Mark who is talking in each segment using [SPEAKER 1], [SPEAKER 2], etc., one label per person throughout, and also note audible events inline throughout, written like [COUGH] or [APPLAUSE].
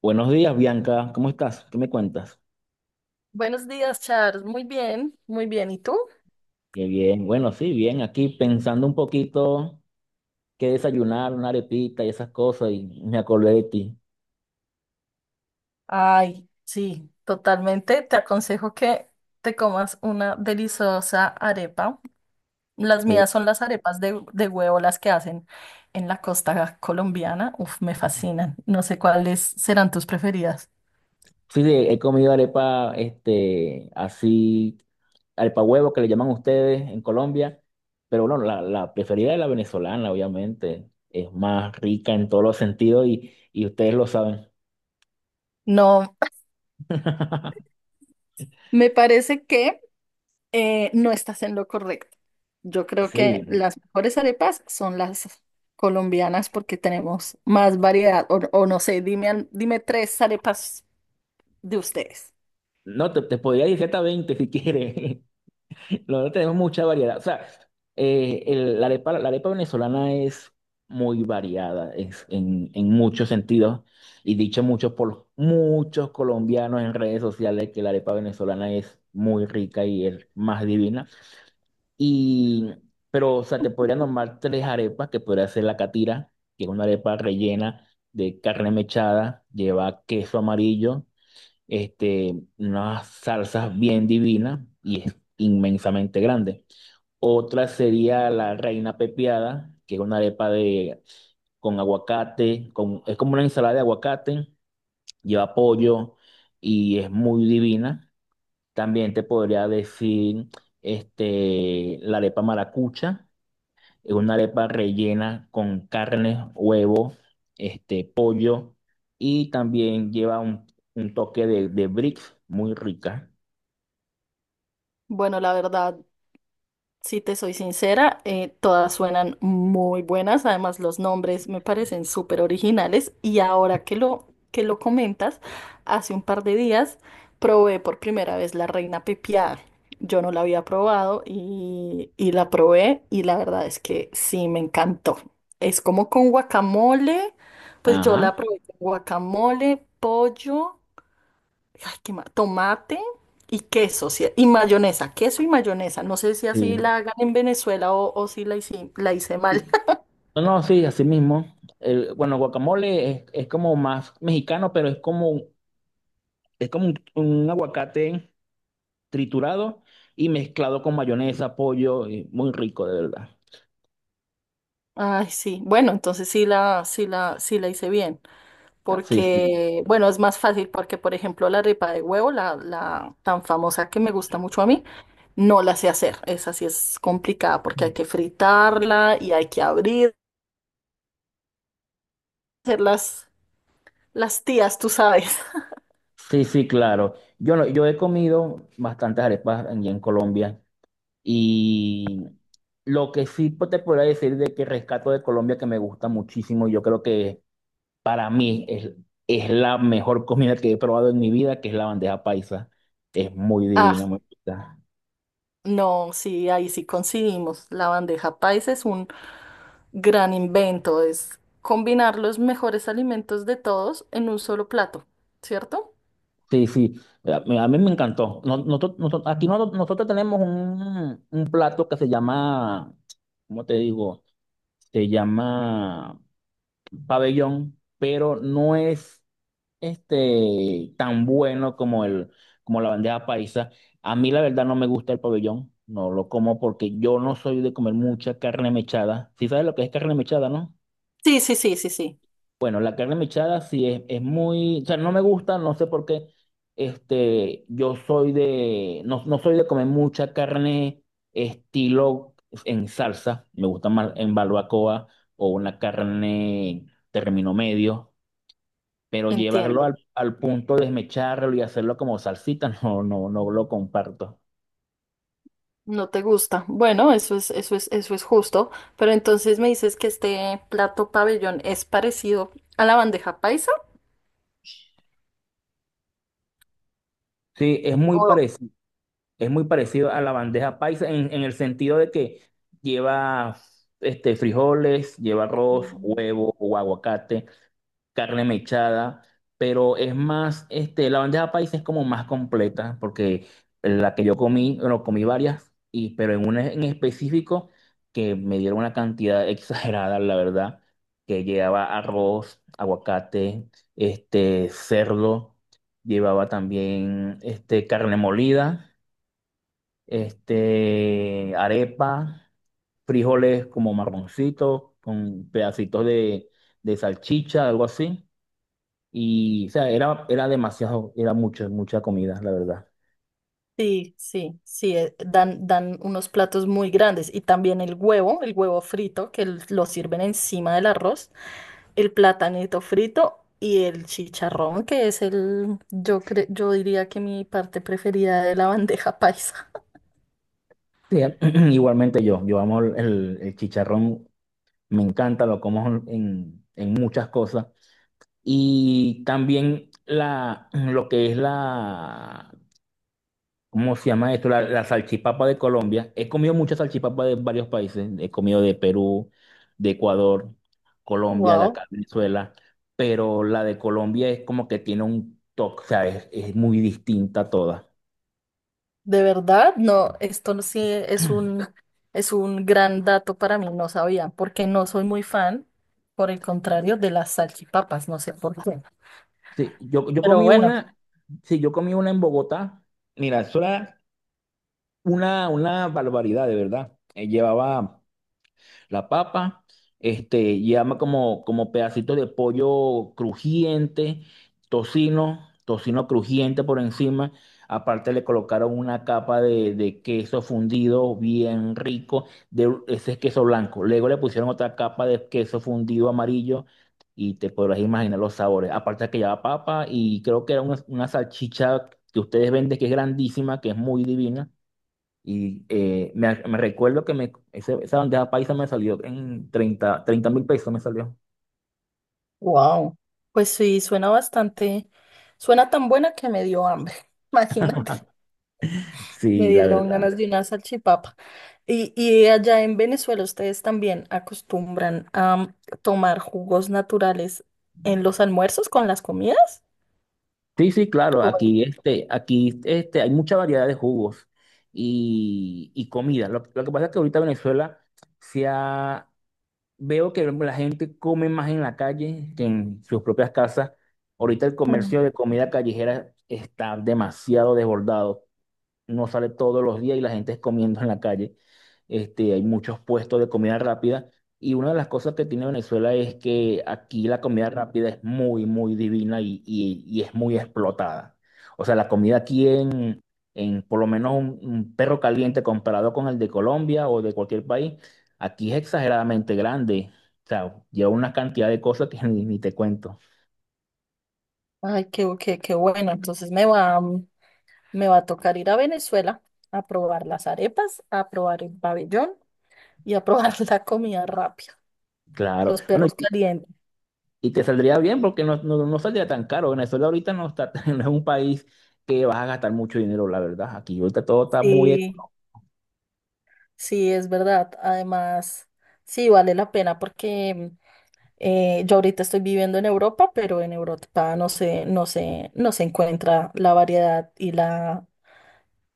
[SPEAKER 1] Buenos días, Bianca. ¿Cómo estás? ¿Qué me cuentas?
[SPEAKER 2] Buenos días, Charles. Muy bien, muy bien. ¿Y tú?
[SPEAKER 1] Qué bien. Bueno, sí, bien. Aquí pensando un poquito qué desayunar, una arepita y esas cosas, y me acordé de ti.
[SPEAKER 2] Ay, sí, totalmente. Te aconsejo que te comas una deliciosa arepa. Las
[SPEAKER 1] Sí,
[SPEAKER 2] mías son las arepas de huevo, las que hacen en la costa colombiana. Uf, me fascinan. No sé cuáles serán tus preferidas.
[SPEAKER 1] sí, he comido arepa, así, arepa huevo que le llaman ustedes en Colombia, pero bueno, la preferida es la venezolana, obviamente. Es más rica en todos los sentidos y ustedes lo saben.
[SPEAKER 2] No,
[SPEAKER 1] [LAUGHS]
[SPEAKER 2] me parece que no estás en lo correcto. Yo creo
[SPEAKER 1] Sí.
[SPEAKER 2] que las mejores arepas son las colombianas porque tenemos más variedad. O no sé, dime, dime tres arepas de ustedes.
[SPEAKER 1] No, te podría decir hasta 20 si quieres. La tenemos mucha variedad. O sea, la arepa venezolana es muy variada es en muchos sentidos y dicho mucho por muchos colombianos en redes sociales que la arepa venezolana es muy rica y es más divina. Y, pero, o sea, te podría nombrar tres arepas que podría ser la catira, que es una arepa rellena de carne mechada, lleva queso amarillo, unas salsas bien divinas y es inmensamente grande. Otra sería la reina pepiada, que es una arepa de, con aguacate, con, es como una ensalada de aguacate, lleva pollo y es muy divina. También te podría decir la arepa maracucha, es una arepa rellena con carne, huevo, pollo y también lleva un toque de brix muy rica.
[SPEAKER 2] Bueno, la verdad, si te soy sincera, todas suenan muy buenas. Además, los nombres me parecen súper originales. Y ahora que lo comentas, hace un par de días probé por primera vez la reina pepiada. Yo no la había probado y la probé y la verdad es que sí, me encantó. Es como con guacamole, pues yo la
[SPEAKER 1] Ajá,
[SPEAKER 2] probé con guacamole, pollo. Ay, tomate y queso, sí, y mayonesa, queso y mayonesa. No sé si así
[SPEAKER 1] sí.
[SPEAKER 2] la hagan en Venezuela o si la hice, la hice mal. [LAUGHS]
[SPEAKER 1] No, no, sí, así mismo. El, bueno, guacamole es como más mexicano, pero es como un aguacate triturado y mezclado con mayonesa, pollo, y muy rico, de verdad.
[SPEAKER 2] Ay, sí. Bueno, entonces sí la hice bien.
[SPEAKER 1] Ah, sí, sí.
[SPEAKER 2] Porque, bueno, es más fácil porque, por ejemplo, la arepa de huevo, la tan famosa que me gusta mucho a mí, no la sé hacer. Esa sí es complicada porque hay que fritarla y hay que abrir, hacer las tías, tú sabes. [LAUGHS]
[SPEAKER 1] Sí, sí, claro. Yo, yo he comido bastantes arepas en Colombia y lo que sí te podría decir de que rescato de Colombia que me gusta muchísimo, yo creo que para mí es la mejor comida que he probado en mi vida, que es la bandeja paisa. Es muy
[SPEAKER 2] Ah,
[SPEAKER 1] divina, me gusta.
[SPEAKER 2] no, sí, ahí sí coincidimos. La bandeja paisa es un gran invento. Es combinar los mejores alimentos de todos en un solo plato, ¿cierto?
[SPEAKER 1] Sí, sí, a mí me encantó. Nosotros tenemos un plato que se llama, ¿cómo te digo? Se llama pabellón, pero no es tan bueno como, el, como la bandeja paisa. A mí la verdad no me gusta el pabellón, no lo como porque yo no soy de comer mucha carne mechada. ¿Si sabes lo que es carne mechada, no?
[SPEAKER 2] Sí, sí, sí, sí, sí.
[SPEAKER 1] Bueno, la carne mechada sí es muy, o sea, no me gusta, no sé por qué. Yo soy de, no, no soy de comer mucha carne estilo en salsa, me gusta más en barbacoa o una carne término medio, pero llevarlo
[SPEAKER 2] Entiendo.
[SPEAKER 1] al, al punto de desmecharlo y hacerlo como salsita, [LAUGHS] no, no, no lo comparto.
[SPEAKER 2] No te gusta. Bueno, eso es justo. Pero entonces me dices que este plato pabellón es parecido a la bandeja paisa.
[SPEAKER 1] Sí, es muy parecido. Es muy parecido a la bandeja paisa en el sentido de que lleva frijoles, lleva
[SPEAKER 2] O...
[SPEAKER 1] arroz, huevo o aguacate, carne mechada, pero es más, la bandeja paisa es como más completa porque la que yo comí, bueno, comí varias, y, pero en una en específico que me dieron una cantidad [LAUGHS] exagerada, la verdad, que llevaba arroz, aguacate, cerdo, llevaba también carne molida arepa, frijoles como marroncitos, con pedacitos de salchicha, algo así. Y, o sea, era, era demasiado, era mucho, mucha comida, la verdad.
[SPEAKER 2] Sí, sí, sí, dan unos platos muy grandes y también el huevo frito que lo sirven encima del arroz, el platanito frito y el chicharrón que es el, yo diría que mi parte preferida de la [LAUGHS] bandeja paisa.
[SPEAKER 1] Sí, [CLEARS THROAT] igualmente yo, yo amo el chicharrón, me encanta, lo como en muchas cosas. Y también la, [CLEARS THROAT] lo que es la ¿Cómo se llama esto? La salchipapa de Colombia. He comido muchas salchipapas de varios países. He comido de Perú, de Ecuador, Colombia, de
[SPEAKER 2] Wow,
[SPEAKER 1] acá, Venezuela. Pero la de Colombia es como que tiene un toque, o sea, es muy distinta a todas.
[SPEAKER 2] de verdad, esto no- sí es un gran dato para mí, no sabía, porque no soy muy fan, por el contrario, de las salchipapas, no sé por qué,
[SPEAKER 1] Sí, yo, yo
[SPEAKER 2] pero
[SPEAKER 1] comí
[SPEAKER 2] bueno.
[SPEAKER 1] una, sí, yo comí una en Bogotá. Mira, eso era una barbaridad, de verdad. Llevaba la papa, llama como, como pedacito de pollo crujiente, tocino, tocino crujiente por encima. Aparte le colocaron una capa de queso fundido bien rico, de ese es queso blanco. Luego le pusieron otra capa de queso fundido amarillo y te podrás imaginar los sabores. Aparte que lleva papa y creo que era una salchicha que ustedes venden que es grandísima, que es muy divina. Y me recuerdo que me, esa bandeja paisa me salió en 30 30 mil pesos me salió.
[SPEAKER 2] Wow. Pues sí, suena bastante, suena tan buena que me dio hambre. [LAUGHS] Imagínate, me
[SPEAKER 1] Sí, la
[SPEAKER 2] dieron
[SPEAKER 1] verdad.
[SPEAKER 2] ganas de una salchipapa. Y allá en Venezuela ustedes también acostumbran a tomar jugos naturales en los almuerzos con las comidas.
[SPEAKER 1] Sí, sí, claro,
[SPEAKER 2] ¿O-
[SPEAKER 1] aquí, aquí hay mucha variedad de jugos y comida. Lo que pasa es que ahorita Venezuela se ha- veo que la gente come más en la calle que en sus propias casas. Ahorita el
[SPEAKER 2] Mm.
[SPEAKER 1] comercio de comida callejera está demasiado desbordado. No sale todos los días y la gente es comiendo en la calle. Hay muchos puestos de comida rápida y una de las cosas que tiene Venezuela es que aquí la comida rápida es muy, muy divina y, y es muy explotada. O sea, la comida aquí en por lo menos un perro caliente comparado con el de Colombia o de cualquier país, aquí es exageradamente grande. O sea, lleva una cantidad de cosas que [LAUGHS] ni, ni te cuento.
[SPEAKER 2] Ay, qué bueno. Entonces mm, me va a tocar ir a Venezuela a probar las arepas, a probar el pabellón y a probar [LAUGHS] la comida rápida,
[SPEAKER 1] Claro.
[SPEAKER 2] los
[SPEAKER 1] Bueno,
[SPEAKER 2] perros calientes.
[SPEAKER 1] y te saldría bien porque no, no, no saldría tan caro. Venezuela ahorita no está, [LAUGHS] no es un país que vas a gastar mucho dinero, la verdad. Aquí ahorita todo está muy...
[SPEAKER 2] Sí. Sí, es verdad. Además, sí, vale la pena porque yo ahorita estoy viviendo en Europa, pero en Europa no se encuentra la variedad y la,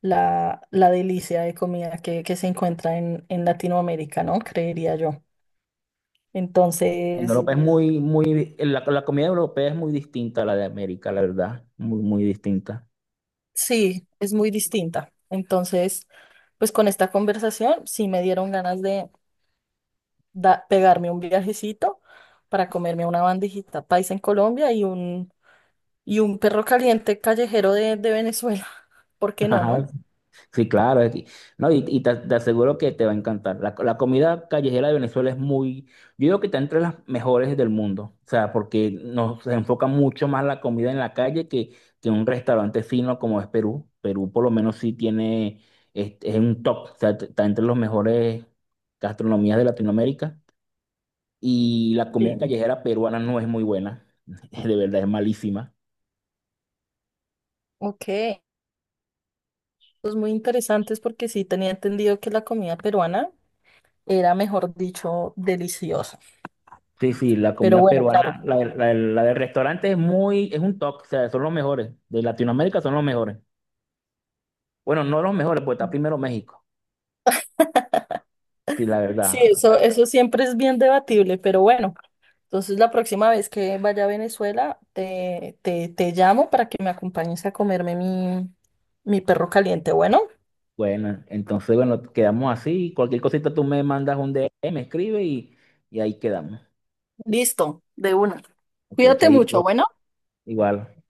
[SPEAKER 2] la, la delicia de comida que se encuentra en Latinoamérica, ¿no? Creería yo.
[SPEAKER 1] en
[SPEAKER 2] Entonces,
[SPEAKER 1] Europa es muy, muy, la comida europea es muy distinta a la de América, la verdad. Muy, muy distinta.
[SPEAKER 2] sí, es muy distinta. Entonces, pues con esta conversación sí me dieron ganas de pegarme un viajecito para comerme una bandejita paisa en Colombia y un y un perro caliente callejero de Venezuela. [LAUGHS] ¿Por qué no, no?
[SPEAKER 1] [LAUGHS] Sí, claro. No, y, te, te aseguro que te va a encantar. La comida callejera de Venezuela es muy, yo digo que está entre las mejores del mundo. O sea, porque nos se enfoca mucho más la comida en la calle que un restaurante fino como es Perú. Perú por lo menos sí tiene, es un top. O sea, está entre los mejores gastronomías de Latinoamérica. Y la comida
[SPEAKER 2] Sí.
[SPEAKER 1] callejera peruana no es muy buena. [LAUGHS] De verdad es malísima.
[SPEAKER 2] Ok. Pues muy interesantes porque sí tenía entendido que la comida peruana era, mejor dicho, deliciosa.
[SPEAKER 1] Sí, sí, la
[SPEAKER 2] Pero
[SPEAKER 1] comida
[SPEAKER 2] bueno, claro.
[SPEAKER 1] peruana, la del restaurante es muy, es un top, o sea, son los mejores. De Latinoamérica son los mejores. Bueno, no los mejores, pues está primero México. Sí, la
[SPEAKER 2] Sí,
[SPEAKER 1] verdad.
[SPEAKER 2] eso siempre es bien debatible, pero bueno. Entonces la próxima vez que vaya a Venezuela, te llamo para que me acompañes a comerme mi, mi perro caliente. Bueno,
[SPEAKER 1] Bueno, entonces, bueno, quedamos así. Cualquier cosita tú me mandas un DM, me escribe y ahí quedamos.
[SPEAKER 2] listo, de una.
[SPEAKER 1] Ok,
[SPEAKER 2] Cuídate
[SPEAKER 1] chaito,
[SPEAKER 2] mucho, bueno.
[SPEAKER 1] igual.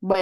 [SPEAKER 2] Bueno.